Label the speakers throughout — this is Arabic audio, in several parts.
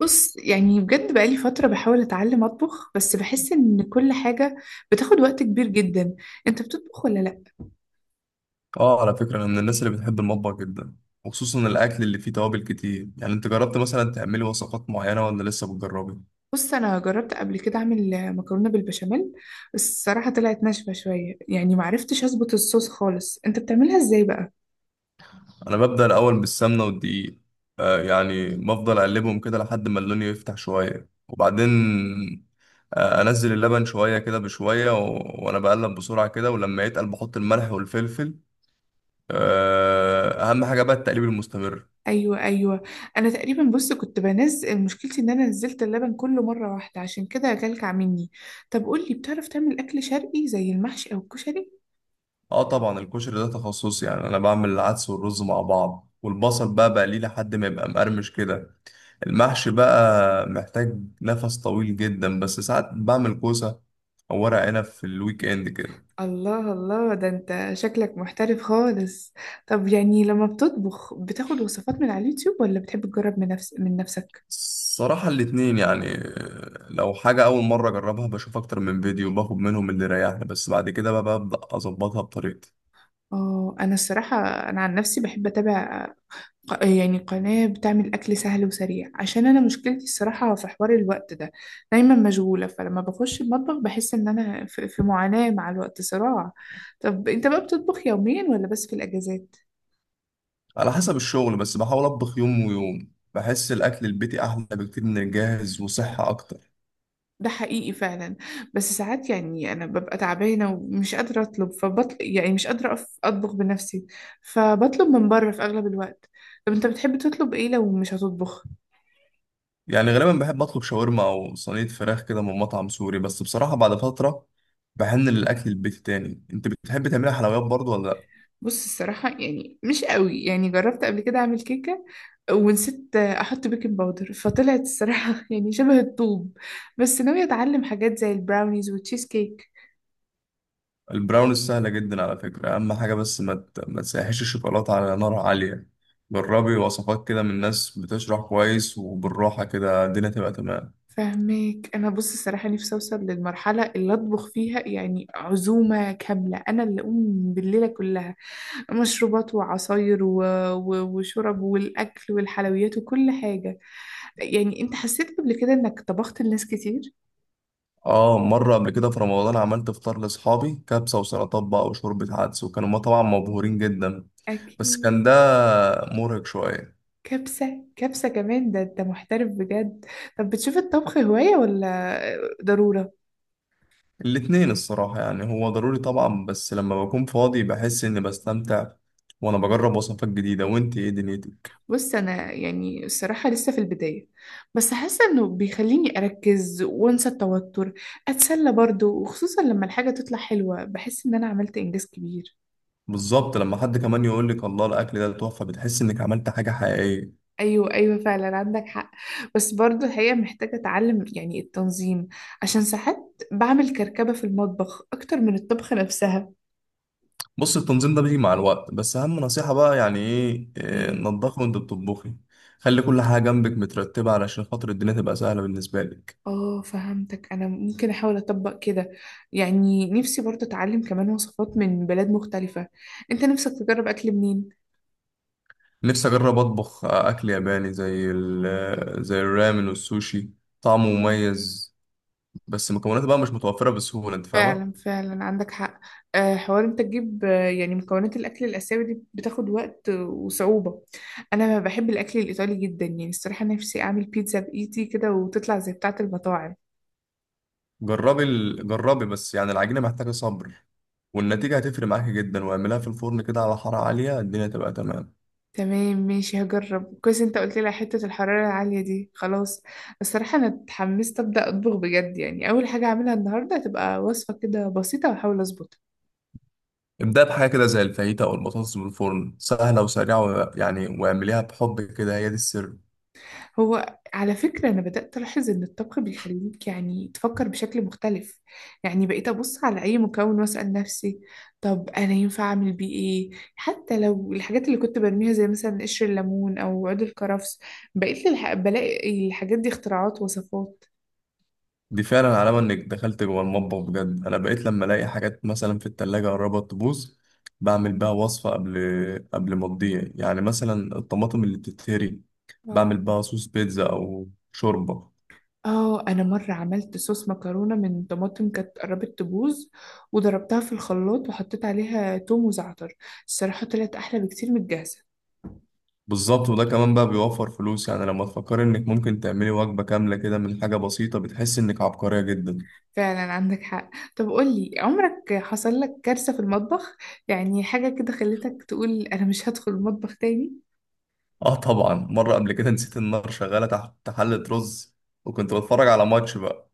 Speaker 1: بص، يعني بجد بقالي فترة بحاول أتعلم أطبخ، بس بحس إن كل حاجة بتاخد وقت كبير جدا. أنت بتطبخ ولا لأ؟
Speaker 2: اه، على فكرة أنا من الناس اللي بتحب المطبخ جدا، وخصوصا الأكل اللي فيه توابل كتير. يعني أنت جربت مثلا تعملي وصفات معينة ولا لسه بتجربي؟
Speaker 1: بص، أنا جربت قبل كده أعمل مكرونة بالبشاميل، بس الصراحة طلعت ناشفة شوية، يعني معرفتش أظبط الصوص خالص. أنت بتعملها إزاي بقى؟
Speaker 2: أنا ببدأ الأول بالسمنة والدقيق. يعني بفضل أقلبهم كده لحد ما اللون يفتح شوية، وبعدين أنزل اللبن شوية كده بشوية، وأنا بقلب بسرعة كده، ولما يتقل بحط الملح والفلفل. أهم حاجة بقى التقليب المستمر.
Speaker 1: أيوة أيوة. أنا تقريبا بص كنت بنزل مشكلتي إن أنا نزلت اللبن كله مرة واحدة، عشان كده كلكع مني. طب قولي، بتعرف تعمل أكل شرقي زي المحشي أو الكشري؟
Speaker 2: اه طبعا، الكشري ده تخصصي. يعني انا بعمل العدس والرز مع بعض، والبصل بقى بقليه لحد ما يبقى مقرمش كده. المحشي بقى محتاج نفس طويل جدا، بس ساعات بعمل كوسة أو ورق عنب في الويك إند كده.
Speaker 1: الله الله، ده انت شكلك محترف خالص. طب يعني لما بتطبخ بتاخد وصفات من على اليوتيوب ولا بتحب تجرب من نفسك؟
Speaker 2: الصراحة الاتنين، يعني لو حاجة أول مرة أجربها بشوف أكتر من فيديو وباخد منهم اللي يريحني، بس بعد كده بقى ببدأ أظبطها بطريقتي.
Speaker 1: اه انا الصراحة، انا عن نفسي بحب اتابع يعني قناة بتعمل اكل سهل وسريع، عشان انا مشكلتي الصراحة في حوار الوقت ده. دايما مشغولة، فلما بخش المطبخ بحس ان انا في معاناة مع الوقت، صراع. طب انت بقى بتطبخ يوميا ولا بس في الاجازات؟
Speaker 2: على حسب الشغل، بس بحاول أطبخ يوم ويوم. بحس الأكل البيتي أحلى بكتير من الجاهز وصحة أكتر.
Speaker 1: ده حقيقي فعلا. بس ساعات يعني انا ببقى تعبانه ومش قادره اطلب، فبطل، يعني مش قادره اطبخ بنفسي، فبطلب من بره في اغلب الوقت. طب انت بتحب تطلب ايه لو مش هتطبخ؟
Speaker 2: يعني غالبا بحب أطلب شاورما أو صينية فراخ كده من مطعم سوري، بس بصراحة بعد فترة بحن للأكل البيتي تاني. أنت بتحب تعملي حلويات برضو ولا لأ؟
Speaker 1: بص، الصراحه يعني مش قوي. يعني جربت قبل كده اعمل كيكه ونسيت احط بيكنج باودر، فطلعت الصراحه يعني شبه الطوب. بس ناويه اتعلم حاجات زي البراونيز والتشيز كيك.
Speaker 2: البراونيز سهلة جدا على فكرة. أهم حاجة بس ما تسيحش الشوكولاتة على نار عالية. جربي وصفات كده من ناس بتشرح كويس، وبالراحة كده الدنيا تبقى تمام.
Speaker 1: فهماك. انا بص، الصراحه نفسي اوصل للمرحله اللي اطبخ فيها يعني عزومه كامله، انا اللي اقوم بالليله كلها. مشروبات وعصاير وشرب والاكل والحلويات وكل حاجه. يعني انت حسيت قبل كده انك طبخت لناس كتير؟
Speaker 2: اه، مرة قبل كده في رمضان عملت فطار لأصحابي، كبسة وسلطات بقى وشوربة عدس، وكانوا ما طبعا مبهورين جدا. بس
Speaker 1: اكيد.
Speaker 2: كان ده مرهق شوية.
Speaker 1: كبسه كبسه كمان؟ ده انت محترف بجد. طب بتشوف الطبخ هوايه ولا ضروره؟
Speaker 2: الاتنين الصراحة، يعني هو ضروري طبعا، بس لما بكون فاضي بحس إني بستمتع وأنا بجرب وصفات جديدة. وإنتي إيه دنيتك؟
Speaker 1: بص، انا يعني الصراحه لسه في البدايه، بس حاسه انه بيخليني اركز وانسى التوتر، اتسلى برضه. وخصوصا لما الحاجه تطلع حلوه بحس ان انا عملت انجاز كبير.
Speaker 2: بالظبط، لما حد كمان يقول لك الله الاكل ده تحفه، بتحس انك عملت حاجه حقيقيه.
Speaker 1: ايوه ايوه، فعلا عندك حق. بس برضه الحقيقه محتاجه اتعلم يعني التنظيم، عشان ساعات بعمل كركبه في المطبخ اكتر من الطبخه نفسها.
Speaker 2: بص، التنظيم ده بيجي مع الوقت، بس اهم نصيحه بقى يعني ايه إيه،
Speaker 1: ايه؟
Speaker 2: نضفي وانت بتطبخي. خلي كل حاجه جنبك مترتبه علشان خاطر الدنيا تبقى سهله بالنسبه لك.
Speaker 1: اه فهمتك. انا ممكن احاول اطبق كده. يعني نفسي برضه اتعلم كمان وصفات من بلاد مختلفه. انت نفسك تجرب اكل منين؟
Speaker 2: نفسي اجرب اطبخ اكل ياباني زي ال- آه، زي الرامن والسوشي. طعمه مميز، بس مكوناته بقى مش متوفره بسهوله، انت فاهمه.
Speaker 1: فعلا فعلا عندك حق. حوار انت تجيب. يعني مكونات الاكل الاسيوي دي بتاخد وقت وصعوبه. انا بحب الاكل الايطالي جدا. يعني الصراحه نفسي اعمل بيتزا بايدي كده وتطلع زي بتاعه المطاعم.
Speaker 2: جربي، بس يعني العجينه محتاجه صبر، والنتيجه هتفرق معاكي جدا. واعملها في الفرن كده على حراره عاليه الدنيا تبقى تمام.
Speaker 1: تمام ماشي، هجرب كويس. انت قلت لي على حته الحراره العاليه دي، خلاص. الصراحه انا اتحمست ابدا اطبخ بجد. يعني اول حاجه هعملها النهارده هتبقى وصفه كده بسيطه واحاول اظبطها.
Speaker 2: ابدأ بحاجة كده زي الفاهيتا أو البطاطس من الفرن، سهلة وسريعة، و... يعني واعمليها بحب كده، هي دي السر.
Speaker 1: هو على فكرة أنا بدأت ألاحظ إن الطبخ بيخليك يعني تفكر بشكل مختلف. يعني بقيت أبص على أي مكون وأسأل نفسي، طب أنا ينفع أعمل بيه إيه، حتى لو الحاجات اللي كنت برميها زي مثلا قشر الليمون أو عود الكرفس. بقيت بلاقي الحاجات دي اختراعات وصفات.
Speaker 2: دي فعلا علامة إنك دخلت جوه المطبخ بجد. أنا بقيت لما ألاقي حاجات مثلا في التلاجة قربت تبوظ، بعمل بيها وصفة قبل ما تضيع، يعني مثلا الطماطم اللي بتتهري
Speaker 1: اه.
Speaker 2: بعمل بيها صوص بيتزا أو شوربة.
Speaker 1: آه، أنا مرة عملت صوص مكرونة من طماطم كانت قربت تبوظ وضربتها في الخلاط وحطيت عليها توم وزعتر. الصراحة طلعت أحلى بكتير من الجاهزة.
Speaker 2: بالظبط، وده كمان بقى بيوفر فلوس. يعني لما تفكر إنك ممكن تعملي وجبة كاملة كده من حاجة بسيطة بتحس إنك عبقرية جدا.
Speaker 1: فعلا عندك حق. طب قولي، عمرك حصل لك كارثة في المطبخ؟ يعني حاجة كده خلتك تقول أنا مش هدخل المطبخ تاني؟
Speaker 2: اه طبعا، مرة قبل كده نسيت النار شغالة تحت حلة رز، وكنت بتفرج على ماتش بقى.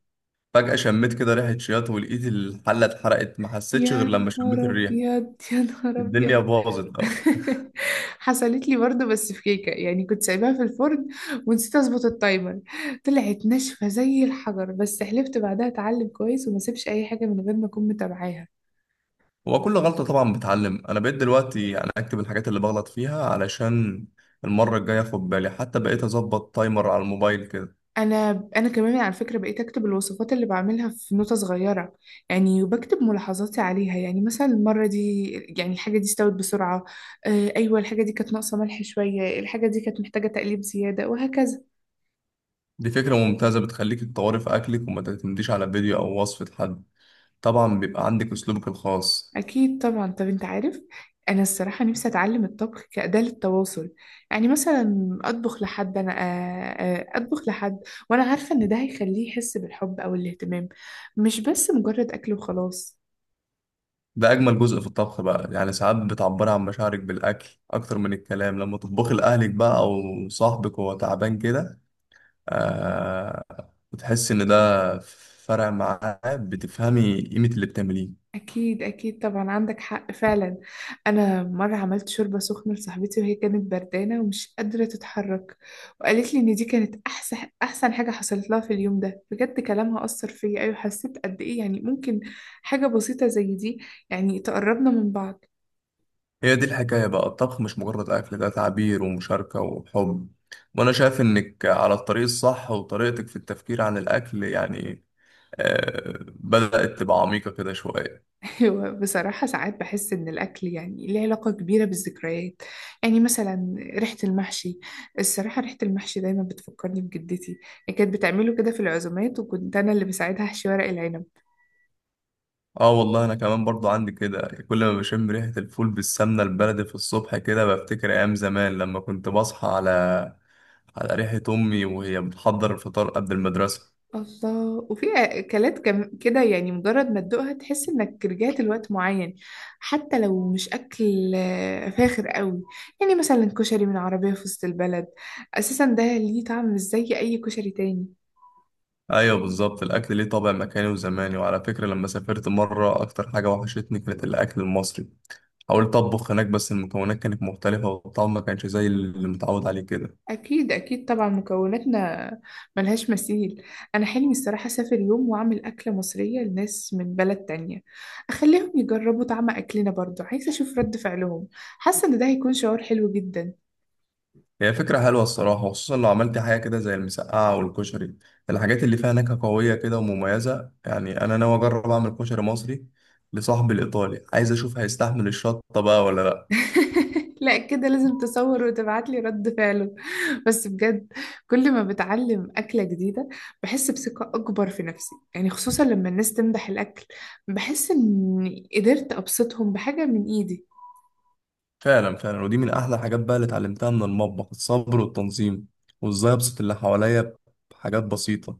Speaker 2: فجأة شميت كده ريحة شياط، ولقيت الحلة اتحرقت. ما حسيتش
Speaker 1: يا
Speaker 2: غير لما شميت
Speaker 1: نهار
Speaker 2: الريحة.
Speaker 1: أبيض، يا نهار
Speaker 2: الدنيا
Speaker 1: أبيض.
Speaker 2: باظت أوي.
Speaker 1: حصلت لي برضه بس في كيكة. يعني كنت سايباها في الفرن ونسيت أظبط التايمر. طلعت ناشفة زي الحجر، بس حلفت بعدها أتعلم كويس وما أسيبش أي حاجة من غير ما أكون متابعاها.
Speaker 2: هو كل غلطة طبعا بتعلم. أنا بقيت دلوقتي يعني أكتب الحاجات اللي بغلط فيها علشان المرة الجاية أخد بالي، حتى بقيت أظبط تايمر على الموبايل كده.
Speaker 1: انا كمان على فكره بقيت اكتب الوصفات اللي بعملها في نوتة صغيره، يعني وبكتب ملاحظاتي عليها. يعني مثلا المره دي يعني الحاجه دي استوت بسرعه. آه ايوه، الحاجه دي كانت ناقصه ملح شويه، الحاجه دي كانت محتاجه تقليب زياده، وهكذا.
Speaker 2: دي فكرة ممتازة، بتخليك تطوري في أكلك وما تعتمديش على فيديو أو وصفة حد. طبعا بيبقى عندك أسلوبك الخاص.
Speaker 1: اكيد طبعا. طب انت عارف، انا الصراحه نفسي اتعلم الطبخ كاداه للتواصل. يعني مثلا اطبخ لحد، انا اطبخ لحد، وانا عارفه ان ده هيخليه يحس بالحب او الاهتمام، مش بس مجرد اكل وخلاص.
Speaker 2: ده اجمل جزء في الطبخ بقى. يعني ساعات بتعبر عن مشاعرك بالاكل اكتر من الكلام. لما تطبخي لاهلك بقى او صاحبك وهو تعبان كده، آه بتحس ان ده فرق معاه، بتفهمي قيمة اللي بتعمليه.
Speaker 1: أكيد أكيد طبعا، عندك حق فعلا. أنا مرة عملت شوربة سخنة لصاحبتي وهي كانت بردانة ومش قادرة تتحرك، وقالت لي إن دي كانت أحسن حاجة حصلت لها في اليوم ده. بجد كلامها أثر فيا. أيوة، حسيت قد إيه يعني ممكن حاجة بسيطة زي دي يعني تقربنا من بعض.
Speaker 2: هي دي الحكاية بقى، الطبخ مش مجرد اكل، ده تعبير ومشاركة وحب. وانا شايف انك على الطريق الصح، وطريقتك في التفكير عن الاكل يعني بدأت تبقى عميقة كده شوية.
Speaker 1: هو بصراحة ساعات بحس إن الأكل يعني ليه علاقة كبيرة بالذكريات. يعني مثلا ريحة المحشي، الصراحة ريحة المحشي دايما بتفكرني بجدتي. هي كانت بتعمله كده في العزومات، وكنت أنا اللي بساعدها أحشي ورق العنب.
Speaker 2: اه والله، انا كمان برضو عندي كده. كل ما بشم ريحة الفول بالسمنة البلدي في الصبح كده بفتكر ايام زمان لما كنت بصحى على ريحة امي وهي بتحضر الفطار قبل المدرسة.
Speaker 1: الله، وفي أكلات كم كده يعني مجرد ما تدوقها تحس إنك رجعت لوقت معين، حتى لو مش أكل فاخر قوي. يعني مثلا كشري من عربية في وسط البلد، أساسا ده ليه طعم مش زي أي كشري تاني.
Speaker 2: ايوه بالظبط، الاكل ليه طابع مكاني وزماني. وعلى فكرة لما سافرت مرة، اكتر حاجة وحشتني كانت الاكل المصري. حاولت اطبخ هناك، بس المكونات كانت مختلفة والطعم ما كانش زي اللي متعود عليه كده.
Speaker 1: أكيد أكيد طبعا، مكوناتنا ملهاش مثيل. أنا حلمي الصراحة أسافر يوم وأعمل أكلة مصرية لناس من بلد تانية، أخليهم يجربوا طعم أكلنا. برضو عايزة أشوف رد فعلهم، حاسة إن ده هيكون شعور حلو جدا.
Speaker 2: هي فكرة حلوة الصراحة، خصوصا لو عملت حاجة كده زي المسقعة والكشري، الحاجات اللي فيها نكهة قوية كده ومميزة. يعني أنا ناوي أجرب أعمل كشري مصري لصاحبي الإيطالي، عايز أشوف هيستحمل الشطة بقى ولا لأ.
Speaker 1: لا كده لازم تصور وتبعتلي رد فعله. بس بجد، كل ما بتعلم أكلة جديدة بحس بثقة أكبر في نفسي. يعني خصوصا لما الناس تمدح الأكل، بحس إني قدرت أبسطهم بحاجة من إيدي.
Speaker 2: فعلا فعلا، ودي من أحلى الحاجات بقى اللي اتعلمتها من المطبخ، الصبر والتنظيم وإزاي أبسط اللي حواليا بحاجات بسيطة.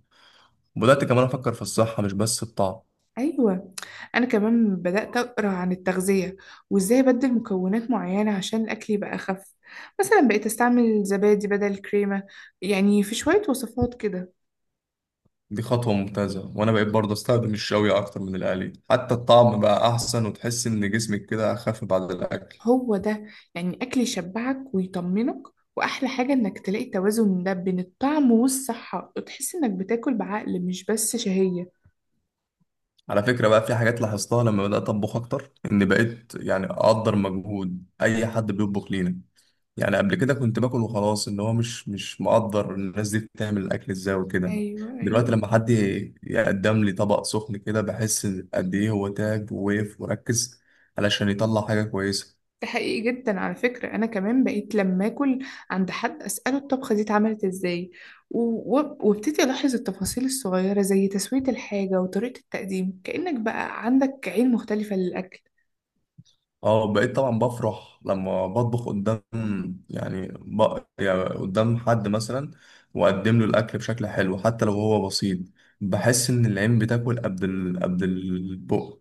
Speaker 2: وبدأت كمان أفكر في الصحة مش بس الطعم.
Speaker 1: أيوة. أنا كمان بدأت أقرأ عن التغذية وإزاي أبدل مكونات معينة عشان الأكل يبقى أخف. مثلا بقيت أستعمل زبادي بدل الكريمة، يعني في شوية وصفات كده.
Speaker 2: دي خطوة ممتازة. وأنا بقيت برضه أستخدم الشوي أكتر من القلي، حتى الطعم بقى أحسن وتحس إن جسمك كده أخف بعد الأكل.
Speaker 1: هو ده، يعني أكل يشبعك ويطمنك. وأحلى حاجة إنك تلاقي توازن ده بين الطعم والصحة، وتحس إنك بتاكل بعقل مش بس شهية.
Speaker 2: على فكرة بقى، في حاجات لاحظتها لما بدأت أطبخ أكتر، إن بقيت يعني أقدر مجهود أي حد بيطبخ لينا. يعني قبل كده كنت باكل وخلاص، إن هو مش مقدر الناس دي بتعمل الأكل إزاي وكده.
Speaker 1: أيوة أيوة،
Speaker 2: دلوقتي لما حد يقدم لي طبق سخن كده بحس قد إيه هو تعب ووقف وركز علشان يطلع حاجة كويسة.
Speaker 1: ده حقيقي جدا. على فكرة أنا كمان بقيت لما أكل عند حد أسأله الطبخة دي اتعملت إزاي، وابتدي ألاحظ التفاصيل الصغيرة زي تسوية الحاجة وطريقة التقديم. كأنك بقى عندك عين مختلفة للأكل.
Speaker 2: اه، بقيت طبعا بفرح لما بطبخ قدام، يعني قدام حد مثلا، واقدم له الاكل بشكل حلو حتى لو هو بسيط. بحس ان العين بتاكل قبل البق.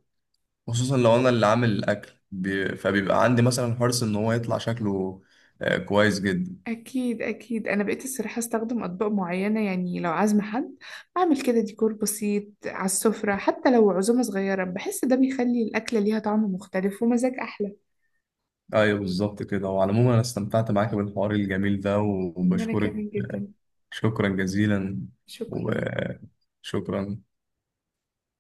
Speaker 2: خصوصا لو انا اللي عامل الاكل فبيبقى عندي مثلا حرص ان هو يطلع شكله كويس جدا.
Speaker 1: أكيد أكيد. أنا بقيت الصراحة أستخدم أطباق معينة. يعني لو عازمة حد أعمل كده ديكور بسيط على السفرة، حتى لو عزومة صغيرة، بحس ده بيخلي الأكلة ليها طعم مختلف ومزاج أحلى.
Speaker 2: ايوه بالظبط كده. وعلى العموم انا استمتعت معاك بالحوار الجميل ده
Speaker 1: وأنا
Speaker 2: وبشكرك.
Speaker 1: كمان جدا.
Speaker 2: شكرا جزيلا
Speaker 1: شكرا.
Speaker 2: وشكرا.